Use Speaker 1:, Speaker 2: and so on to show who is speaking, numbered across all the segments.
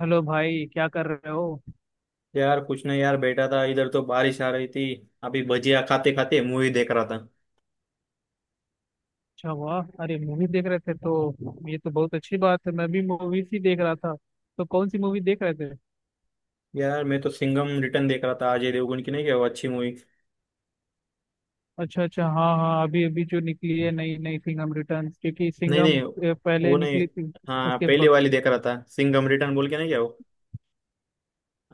Speaker 1: Hello भाई, क्या कर रहे हो?
Speaker 2: यार कुछ नहीं यार, बैठा था इधर तो बारिश आ रही थी। अभी भजिया खाते खाते मूवी देख रहा था।
Speaker 1: अच्छा, वाह, अरे मूवी देख रहे थे तो ये तो बहुत अच्छी बात है। मैं भी मूवीज ही देख रहा था। तो कौन सी मूवी देख रहे थे?
Speaker 2: यार मैं तो सिंघम रिटर्न देख रहा था, अजय देवगन की, नहीं क्या वो अच्छी मूवी?
Speaker 1: अच्छा अच्छा, हाँ हाँ, अभी अभी जो निकली है नई नई सिंघम रिटर्न, क्योंकि
Speaker 2: नहीं नहीं,
Speaker 1: सिंघम पहले
Speaker 2: वो नहीं।
Speaker 1: निकली थी।
Speaker 2: हाँ,
Speaker 1: उसके
Speaker 2: पहले
Speaker 1: बाद
Speaker 2: वाली देख रहा था सिंघम रिटर्न बोल के, नहीं क्या वो?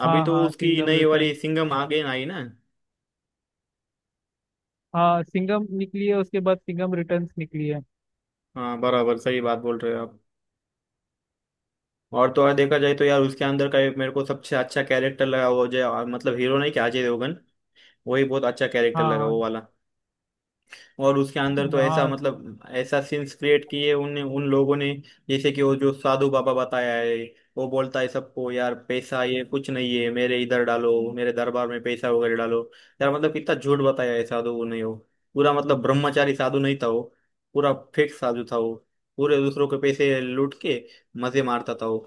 Speaker 2: अभी
Speaker 1: हाँ
Speaker 2: तो
Speaker 1: हाँ
Speaker 2: उसकी
Speaker 1: सिंघम
Speaker 2: नई वाली
Speaker 1: रिटर्न।
Speaker 2: सिंघम आ गई ना, आई ना?
Speaker 1: हाँ, सिंघम निकली है, उसके बाद सिंघम रिटर्न्स निकली है।
Speaker 2: हाँ बराबर, सही बात बोल रहे हो आप। और तो और देखा जाए तो यार, उसके अंदर का एक मेरे को सबसे अच्छा कैरेक्टर लगा, वो जो मतलब हीरो, नहीं क्या अजय देवगन? वही बहुत अच्छा कैरेक्टर
Speaker 1: हाँ
Speaker 2: लगा,
Speaker 1: हाँ।
Speaker 2: वो वाला। और उसके अंदर तो ऐसा
Speaker 1: हाँ
Speaker 2: मतलब ऐसा सीन्स क्रिएट किए उन उन लोगों ने। जैसे कि वो जो साधु बाबा बताया है, वो बोलता है सबको, यार पैसा ये कुछ नहीं है, मेरे इधर डालो, मेरे दरबार में पैसा वगैरह डालो। यार मतलब कितना झूठ बताया है साधु ने वो। पूरा मतलब ब्रह्मचारी साधु नहीं था वो। पूरा फेक साधु था वो। पूरे दूसरों के पैसे लूट के मजे मारता था वो।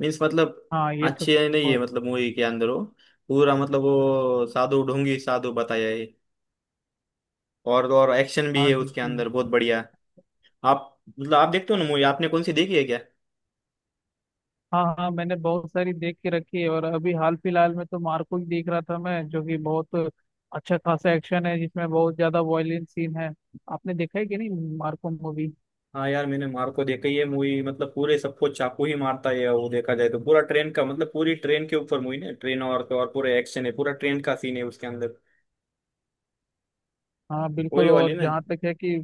Speaker 2: मीन्स मतलब
Speaker 1: हाँ, ये तो
Speaker 2: अच्छे नहीं है
Speaker 1: बहुत।
Speaker 2: मतलब मूवी के अंदर वो। पूरा मतलब वो साधु ढोंगी साधु बताया है। और तो और एक्शन भी
Speaker 1: हाँ,
Speaker 2: है
Speaker 1: जी
Speaker 2: उसके अंदर, बहुत
Speaker 1: जी।
Speaker 2: बढ़िया। आप मतलब आप देखते हो ना मूवी, आपने कौन सी देखी है क्या?
Speaker 1: हाँ हाँ, मैंने बहुत सारी देख के रखी है, और अभी हाल फिलहाल में तो मार्को ही देख रहा था मैं, जो कि बहुत अच्छा खासा एक्शन है जिसमें बहुत ज्यादा वायलेंस सीन है। आपने देखा है कि नहीं, मार्को मूवी?
Speaker 2: हाँ यार, मैंने मार्को देखी है मूवी, मतलब पूरे सबको चाकू ही मारता है वो, देखा जाए तो। पूरा ट्रेन का मतलब पूरी ट्रेन के ऊपर मूवी ना, ट्रेन, और तो और पूरा एक्शन है, पूरा ट्रेन का सीन है उसके अंदर।
Speaker 1: हाँ बिल्कुल।
Speaker 2: वही वाली
Speaker 1: और
Speaker 2: ना।
Speaker 1: जहाँ तक है कि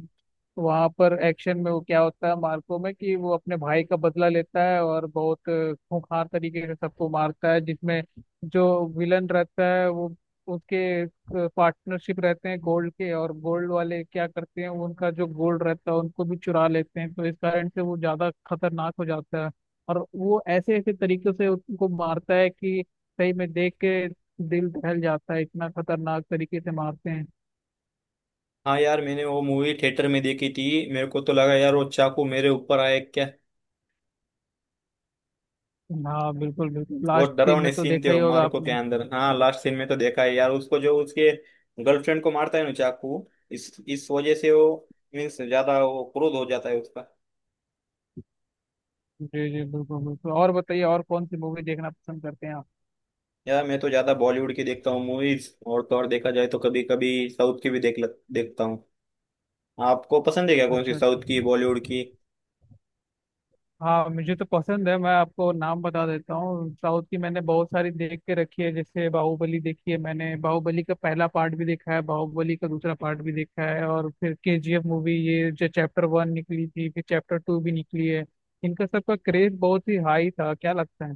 Speaker 1: वहां पर एक्शन में वो क्या होता है मार्को में कि वो अपने भाई का बदला लेता है, और बहुत खूंखार तरीके से सबको मारता है, जिसमें जो विलन रहता है वो, उसके पार्टनरशिप रहते हैं गोल्ड के, और गोल्ड वाले क्या करते हैं, वो उनका जो गोल्ड रहता है उनको भी चुरा लेते हैं, तो इस कारण से वो ज्यादा खतरनाक हो जाता है। और वो ऐसे ऐसे तरीके से उनको मारता है कि सही में देख के दिल दहल जाता है, इतना खतरनाक तरीके से मारते हैं।
Speaker 2: हाँ यार, मैंने वो मूवी थिएटर में देखी थी। मेरे को तो लगा यार, वो चाकू मेरे ऊपर आए क्या।
Speaker 1: हाँ बिल्कुल बिल्कुल, लास्ट
Speaker 2: बहुत
Speaker 1: दिन
Speaker 2: डरावने
Speaker 1: में तो
Speaker 2: सीन थे
Speaker 1: देखा ही
Speaker 2: वो
Speaker 1: होगा
Speaker 2: मारुको के
Speaker 1: आपने।
Speaker 2: अंदर। हाँ लास्ट सीन में तो देखा है यार, उसको जो उसके गर्लफ्रेंड को मारता है ना चाकू, इस वजह से वो मीन्स ज्यादा वो क्रोध हो जाता है उसका।
Speaker 1: जी जी, बिल्कुल बिल्कुल। और बताइए, और कौन सी मूवी देखना पसंद करते हैं आप?
Speaker 2: यार मैं तो ज्यादा बॉलीवुड की देखता हूँ मूवीज, और तो और देखा जाए तो कभी कभी साउथ की भी देखता हूँ। आपको पसंद है क्या, कौन सी
Speaker 1: अच्छा अच्छा।
Speaker 2: साउथ की, बॉलीवुड की?
Speaker 1: हाँ, मुझे तो पसंद है, मैं आपको नाम बता देता हूँ। साउथ की मैंने बहुत सारी देख के रखी है, जैसे बाहुबली देखी है मैंने, बाहुबली का पहला पार्ट भी देखा है, बाहुबली का दूसरा पार्ट भी देखा है, और फिर केजीएफ मूवी, ये जो चैप्टर वन निकली थी फिर चैप्टर टू भी निकली है। इनका सबका क्रेज बहुत ही हाई था, क्या लगता है?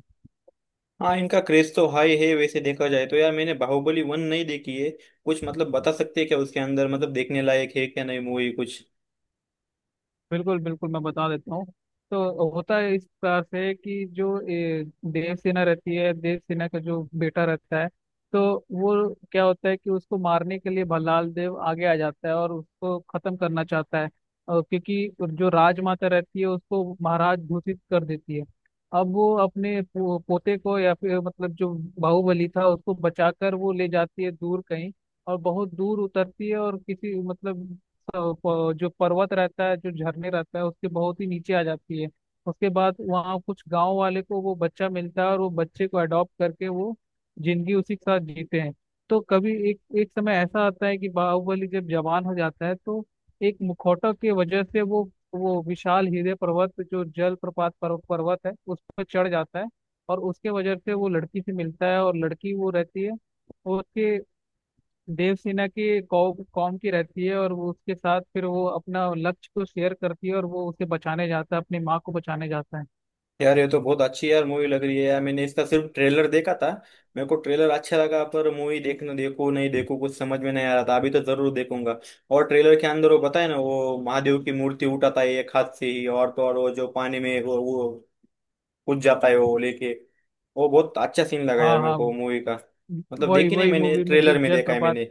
Speaker 2: हाँ इनका क्रेज तो हाई है, वैसे देखा जाए तो। यार मैंने बाहुबली वन नहीं देखी है। कुछ मतलब बता सकते हैं क्या उसके अंदर, मतलब देखने लायक है क्या नहीं मूवी कुछ?
Speaker 1: बिल्कुल बिल्कुल, मैं बता देता हूँ। तो होता है इस प्रकार से कि जो देवसेना रहती है, देवसेना का जो बेटा रहता है, तो वो क्या होता है कि उसको मारने के लिए भल्लाल देव आगे आ जाता है और उसको खत्म करना चाहता है। और क्योंकि जो राजमाता रहती है उसको महाराज घोषित कर देती है। अब वो अपने पोते को या फिर मतलब जो बाहुबली था उसको बचाकर वो ले जाती है दूर कहीं। और बहुत दूर उतरती है, और किसी मतलब अ, जो पर्वत रहता है, जो झरने रहता है, उसके बहुत ही नीचे आ जाती है। उसके बाद वहाँ कुछ गांव वाले को वो बच्चा मिलता है, और वो बच्चे को अडॉप्ट करके वो जिंदगी उसी के साथ जीते हैं। तो कभी एक एक समय ऐसा आता है कि बाहुबली जब जवान हो जाता है, तो एक मुखौटा की वजह से वो विशाल हीरे पर्वत जो जल प्रपात पर्वत है उस पर चढ़ जाता है। और उसके वजह से वो लड़की से मिलता है, और लड़की वो रहती है, वो उसके देवसेना की कॉम कॉम की रहती है, और वो उसके साथ फिर वो अपना लक्ष्य को शेयर करती है, और वो उसे बचाने जाता है, अपनी माँ को बचाने जाता है।
Speaker 2: यार ये तो बहुत अच्छी यार मूवी लग रही है, यार मैंने इसका सिर्फ ट्रेलर देखा था। मेरे को ट्रेलर अच्छा लगा, पर मूवी देखना, देखो नहीं देखो, कुछ समझ में नहीं आ रहा था। अभी तो जरूर देखूंगा। और ट्रेलर के अंदर वो बताए ना, वो महादेव की मूर्ति उठाता है एक हाथ से ही, और तो और वो जो पानी में वो कूद जाता है वो लेके, वो बहुत अच्छा सीन लगा यार
Speaker 1: हाँ
Speaker 2: मेरे
Speaker 1: हाँ।
Speaker 2: को मूवी का। मतलब
Speaker 1: वही
Speaker 2: देखी नहीं
Speaker 1: वही
Speaker 2: मैंने,
Speaker 1: मूवी में जो
Speaker 2: ट्रेलर में देखा है
Speaker 1: जलप्रपात।
Speaker 2: मैंने।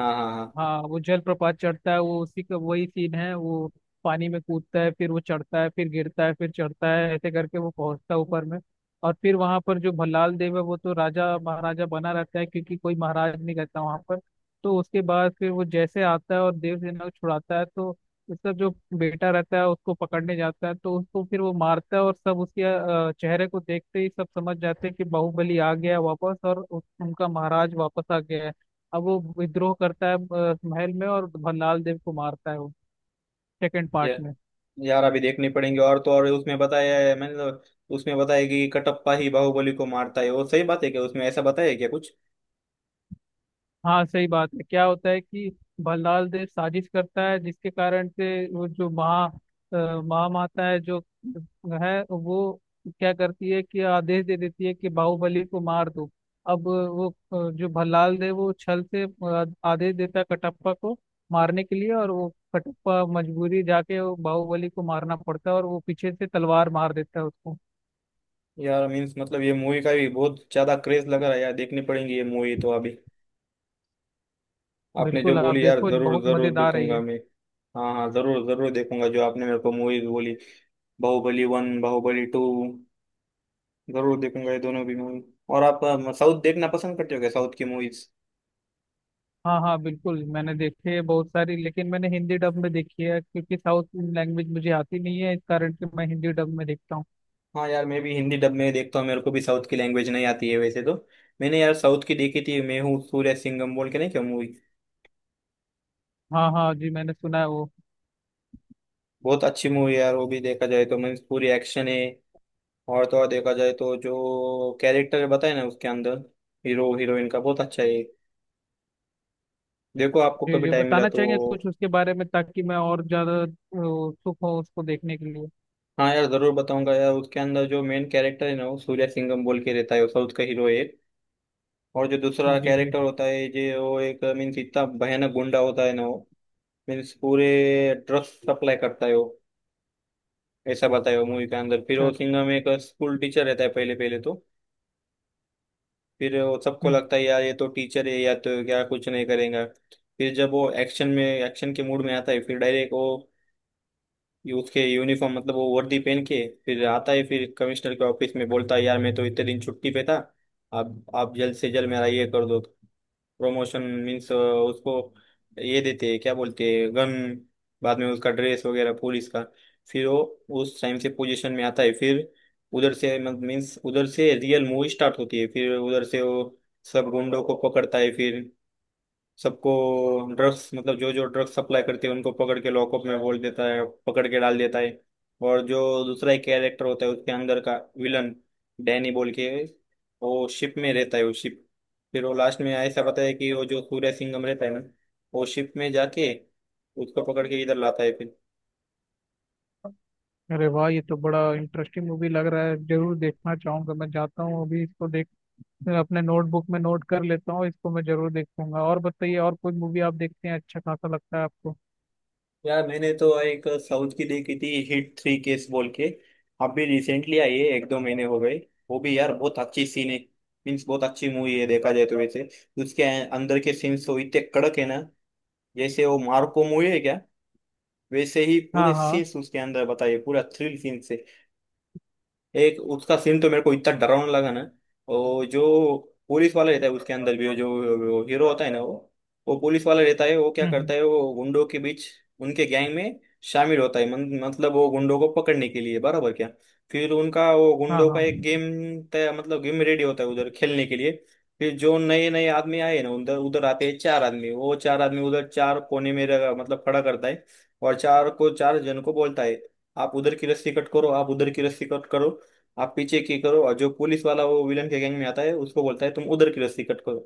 Speaker 2: हाँ हाँ
Speaker 1: हाँ, वो जलप्रपात चढ़ता है वो, उसी का वही सीन है वो। पानी में कूदता है, फिर वो चढ़ता है, फिर गिरता है, फिर चढ़ता है, ऐसे करके वो पहुंचता है ऊपर में। और फिर वहां पर जो भल्लाल देव है वो तो राजा महाराजा बना रहता है, क्योंकि कोई महाराज नहीं रहता वहां पर। तो उसके बाद फिर वो जैसे आता है और देवसेना को छुड़ाता है, तो उसका जो बेटा रहता है उसको पकड़ने जाता है, तो उसको फिर वो मारता है, और सब उसके चेहरे को देखते ही सब समझ जाते हैं कि बाहुबली आ गया वापस, और उनका महाराज वापस आ गया है। अब वो विद्रोह करता है महल में, और भल्लाल देव को मारता है वो सेकंड पार्ट
Speaker 2: हाँ,
Speaker 1: में।
Speaker 2: यार अभी देखनी पड़ेंगे। और तो और उसमें बताया है, उसमें बताया कि कटप्पा ही बाहुबली को मारता है वो, सही बात है क्या, उसमें ऐसा बताया है क्या कुछ?
Speaker 1: हाँ, सही बात है। क्या होता है कि भल्लाल देव साजिश करता है, जिसके कारण से वो जो महामाता है जो है, वो क्या करती है कि आदेश दे देती है कि बाहुबली को मार दो। अब वो जो भल्लाल देव वो छल से आदेश देता है कटप्पा को मारने के लिए, और वो कटप्पा मजबूरी जाके वो बाहुबली को मारना पड़ता है, और वो पीछे से तलवार मार देता है उसको।
Speaker 2: यार मीन्स मतलब ये मूवी का भी बहुत ज्यादा क्रेज लग रहा है यार, देखनी पड़ेंगी ये मूवी तो अभी। आपने जो
Speaker 1: बिल्कुल, आप
Speaker 2: बोली यार,
Speaker 1: देखो,
Speaker 2: जरूर
Speaker 1: बहुत
Speaker 2: जरूर
Speaker 1: मजेदार है ये।
Speaker 2: देखूंगा मैं। हाँ हाँ, जरूर जरूर देखूंगा जो आपने मेरे को मूवीज बोली, बाहुबली वन, बाहुबली टू, जरूर देखूंगा ये दोनों भी मूवी। और आप साउथ देखना पसंद करते हो क्या, साउथ की मूवीज?
Speaker 1: हाँ हाँ बिल्कुल, मैंने देखी है बहुत सारी, लेकिन मैंने हिंदी डब में देखी है, क्योंकि साउथ लैंग्वेज मुझे आती नहीं है, इस कारण से मैं हिंदी डब में देखता हूँ।
Speaker 2: हाँ यार, मैं भी हिंदी डब में देखता हूँ, मेरे को भी साउथ की लैंग्वेज नहीं आती है वैसे तो। मैंने यार साउथ की देखी थी मैं, हूँ, सूर्य सिंघम बोल के, नहीं क्या मूवी?
Speaker 1: हाँ हाँ जी, मैंने सुना है वो।
Speaker 2: बहुत अच्छी मूवी यार वो भी, देखा जाए तो मीन्स पूरी एक्शन है। और तो और देखा जाए तो जो कैरेक्टर बताए ना उसके अंदर, हीरो हीरोइन का बहुत अच्छा है। देखो आपको
Speaker 1: जी
Speaker 2: कभी
Speaker 1: जी,
Speaker 2: टाइम मिला
Speaker 1: बताना
Speaker 2: तो।
Speaker 1: चाहेंगे कुछ उसके बारे में, ताकि मैं और ज्यादा उत्सुक हूँ उसको देखने के लिए।
Speaker 2: हाँ यार जरूर बताऊंगा यार। उसके अंदर जो मेन कैरेक्टर है ना, वो सूर्य सिंघम बोल के रहता है, वो साउथ का हीरो है। और जो दूसरा
Speaker 1: जी जी।
Speaker 2: कैरेक्टर होता है, जो वो एक मीन्स इतना भयानक गुंडा होता है ना वो, मीन्स पूरे ड्रग्स सप्लाई करता है वो, ऐसा बताया मूवी के अंदर। फिर
Speaker 1: अच्छा
Speaker 2: वो
Speaker 1: अच्छा।
Speaker 2: सिंघम में एक स्कूल टीचर रहता है पहले पहले तो। फिर वो सबको
Speaker 1: हम्म।
Speaker 2: लगता है यार ये तो टीचर है, या तो क्या कुछ नहीं करेगा। फिर जब वो एक्शन में एक्शन के मूड में आता है, फिर डायरेक्ट वो ये, उसके यूनिफॉर्म मतलब वो वर्दी पहन के फिर आता है, फिर कमिश्नर के ऑफिस में बोलता है यार मैं तो इतने दिन छुट्टी पे था, अब आप जल्द से जल्द मेरा ये कर दो प्रमोशन। मीन्स उसको ये देते हैं, क्या बोलते हैं, गन। बाद में उसका ड्रेस वगैरह पुलिस का, फिर वो उस टाइम से पोजीशन में आता है। फिर उधर से मीन्स उधर से रियल मूवी स्टार्ट होती है। फिर उधर से वो सब गुंडों को पकड़ता है, फिर सबको ड्रग्स मतलब जो जो ड्रग्स सप्लाई करते हैं उनको पकड़ के लॉकअप में बोल देता है, पकड़ के डाल देता है। और जो दूसरा एक कैरेक्टर होता है उसके अंदर का, विलन, डैनी बोल के, वो शिप में रहता है, वो शिप। फिर वो लास्ट में ऐसा बताया कि वो जो सूर्य सिंघम रहता है ना, वो शिप में जाके उसको पकड़ के इधर लाता है फिर।
Speaker 1: अरे वाह, ये तो बड़ा इंटरेस्टिंग मूवी लग रहा है, जरूर देखना चाहूंगा। मैं जाता हूँ अभी इसको देख, अपने नोटबुक में नोट कर लेता हूँ इसको, मैं जरूर देखूंगा। और बताइए, और कोई मूवी आप देखते हैं अच्छा खासा लगता है आपको?
Speaker 2: यार मैंने तो एक साउथ की देखी थी, हिट 3 केस बोल के, अभी रिसेंटली आई है, एक दो महीने हो गए। वो भी यार बहुत अच्छी सीन है, मीन्स बहुत अच्छी मूवी है देखा जाए तो वैसे। उसके अंदर के सीन्स तो इतने कड़क है ना, जैसे वो मार्को मूवी है क्या, वैसे ही
Speaker 1: हाँ
Speaker 2: पूरे
Speaker 1: हाँ।
Speaker 2: सीन्स उसके अंदर बताइए, पूरा थ्रिल सीन्स है। एक उसका सीन तो मेरे को इतना डरावना लगा ना। और जो पुलिस वाला रहता है उसके अंदर भी, वो जो वो हीरो होता है ना, वो पुलिस वाला रहता है, वो क्या
Speaker 1: हम्म।
Speaker 2: करता है वो गुंडों के बीच उनके गैंग में शामिल होता है। मतलब वो गुंडों को पकड़ने के लिए, बराबर क्या। फिर उनका वो
Speaker 1: हाँ
Speaker 2: गुंडों का
Speaker 1: हाँ।
Speaker 2: एक गेम तय मतलब गेम रेडी होता है उधर खेलने के लिए। फिर जो नए नए आदमी आए ना उधर, उधर आते हैं चार आदमी, वो चार आदमी उधर चार कोने में मतलब खड़ा करता है। और चार को, चार जन को बोलता है, आप उधर की रस्सी कट करो, आप उधर की रस्सी कट करो, आप पीछे की करो, और जो पुलिस वाला वो विलन के गैंग में आता है उसको बोलता है, तुम उधर की रस्सी कट करो।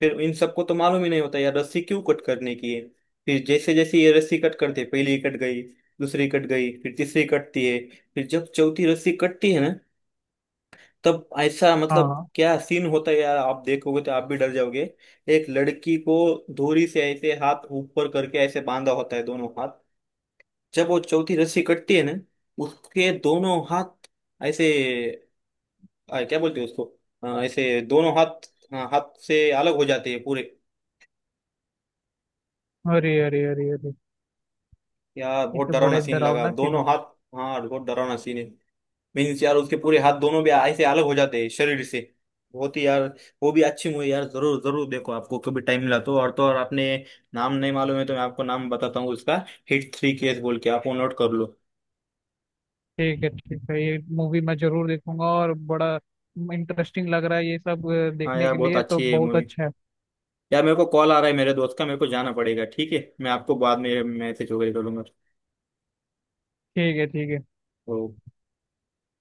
Speaker 2: फिर इन सबको तो मालूम ही नहीं होता यार रस्सी क्यों कट करने की है। फिर जैसे जैसे ये रस्सी कट करते, पहली कट गई, दूसरी कट गई, फिर तीसरी कटती है, फिर जब चौथी रस्सी कटती है ना, तब ऐसा
Speaker 1: हाँ
Speaker 2: मतलब
Speaker 1: हाँ।
Speaker 2: क्या सीन होता है यार, आप देखोगे तो आप भी डर जाओगे। एक लड़की को धोरी से ऐसे हाथ ऊपर करके ऐसे बांधा होता है दोनों हाथ, जब वो चौथी रस्सी कटती है ना, उसके दोनों हाथ ऐसे, क्या बोलते हैं उसको, ऐसे दोनों हाथ, हाँ, हाथ से अलग हो जाते हैं पूरे।
Speaker 1: अरे अरे अरे अरे।
Speaker 2: यार
Speaker 1: ये
Speaker 2: बहुत
Speaker 1: तो बड़ा
Speaker 2: डरावना
Speaker 1: ही
Speaker 2: सीन लगा,
Speaker 1: डरावना सीन हो
Speaker 2: दोनों
Speaker 1: गया।
Speaker 2: हाथ। हाँ बहुत डरावना सीन है। मीन्स यार उसके पूरे हाथ दोनों भी ऐसे अलग हो जाते हैं शरीर से, बहुत ही यार। वो भी अच्छी मूवी यार, जरूर जरूर देखो आपको कभी टाइम मिला तो। और तो और आपने नाम नहीं मालूम है तो मैं आपको नाम बताता हूँ उसका, हिट 3 केस बोल के, आप वो नोट कर लो।
Speaker 1: ठीक है ठीक है, ये मूवी मैं जरूर देखूंगा, और बड़ा इंटरेस्टिंग लग रहा है ये सब,
Speaker 2: हाँ
Speaker 1: देखने
Speaker 2: यार
Speaker 1: के
Speaker 2: बहुत
Speaker 1: लिए तो
Speaker 2: अच्छी है
Speaker 1: बहुत
Speaker 2: मूवी।
Speaker 1: अच्छा है।
Speaker 2: यार मेरे को कॉल आ रहा है मेरे दोस्त का, मेरे को जाना पड़ेगा, ठीक है, मैं आपको बाद में मैसेज वगैरह
Speaker 1: ठीक है ठीक है।
Speaker 2: करूंगा।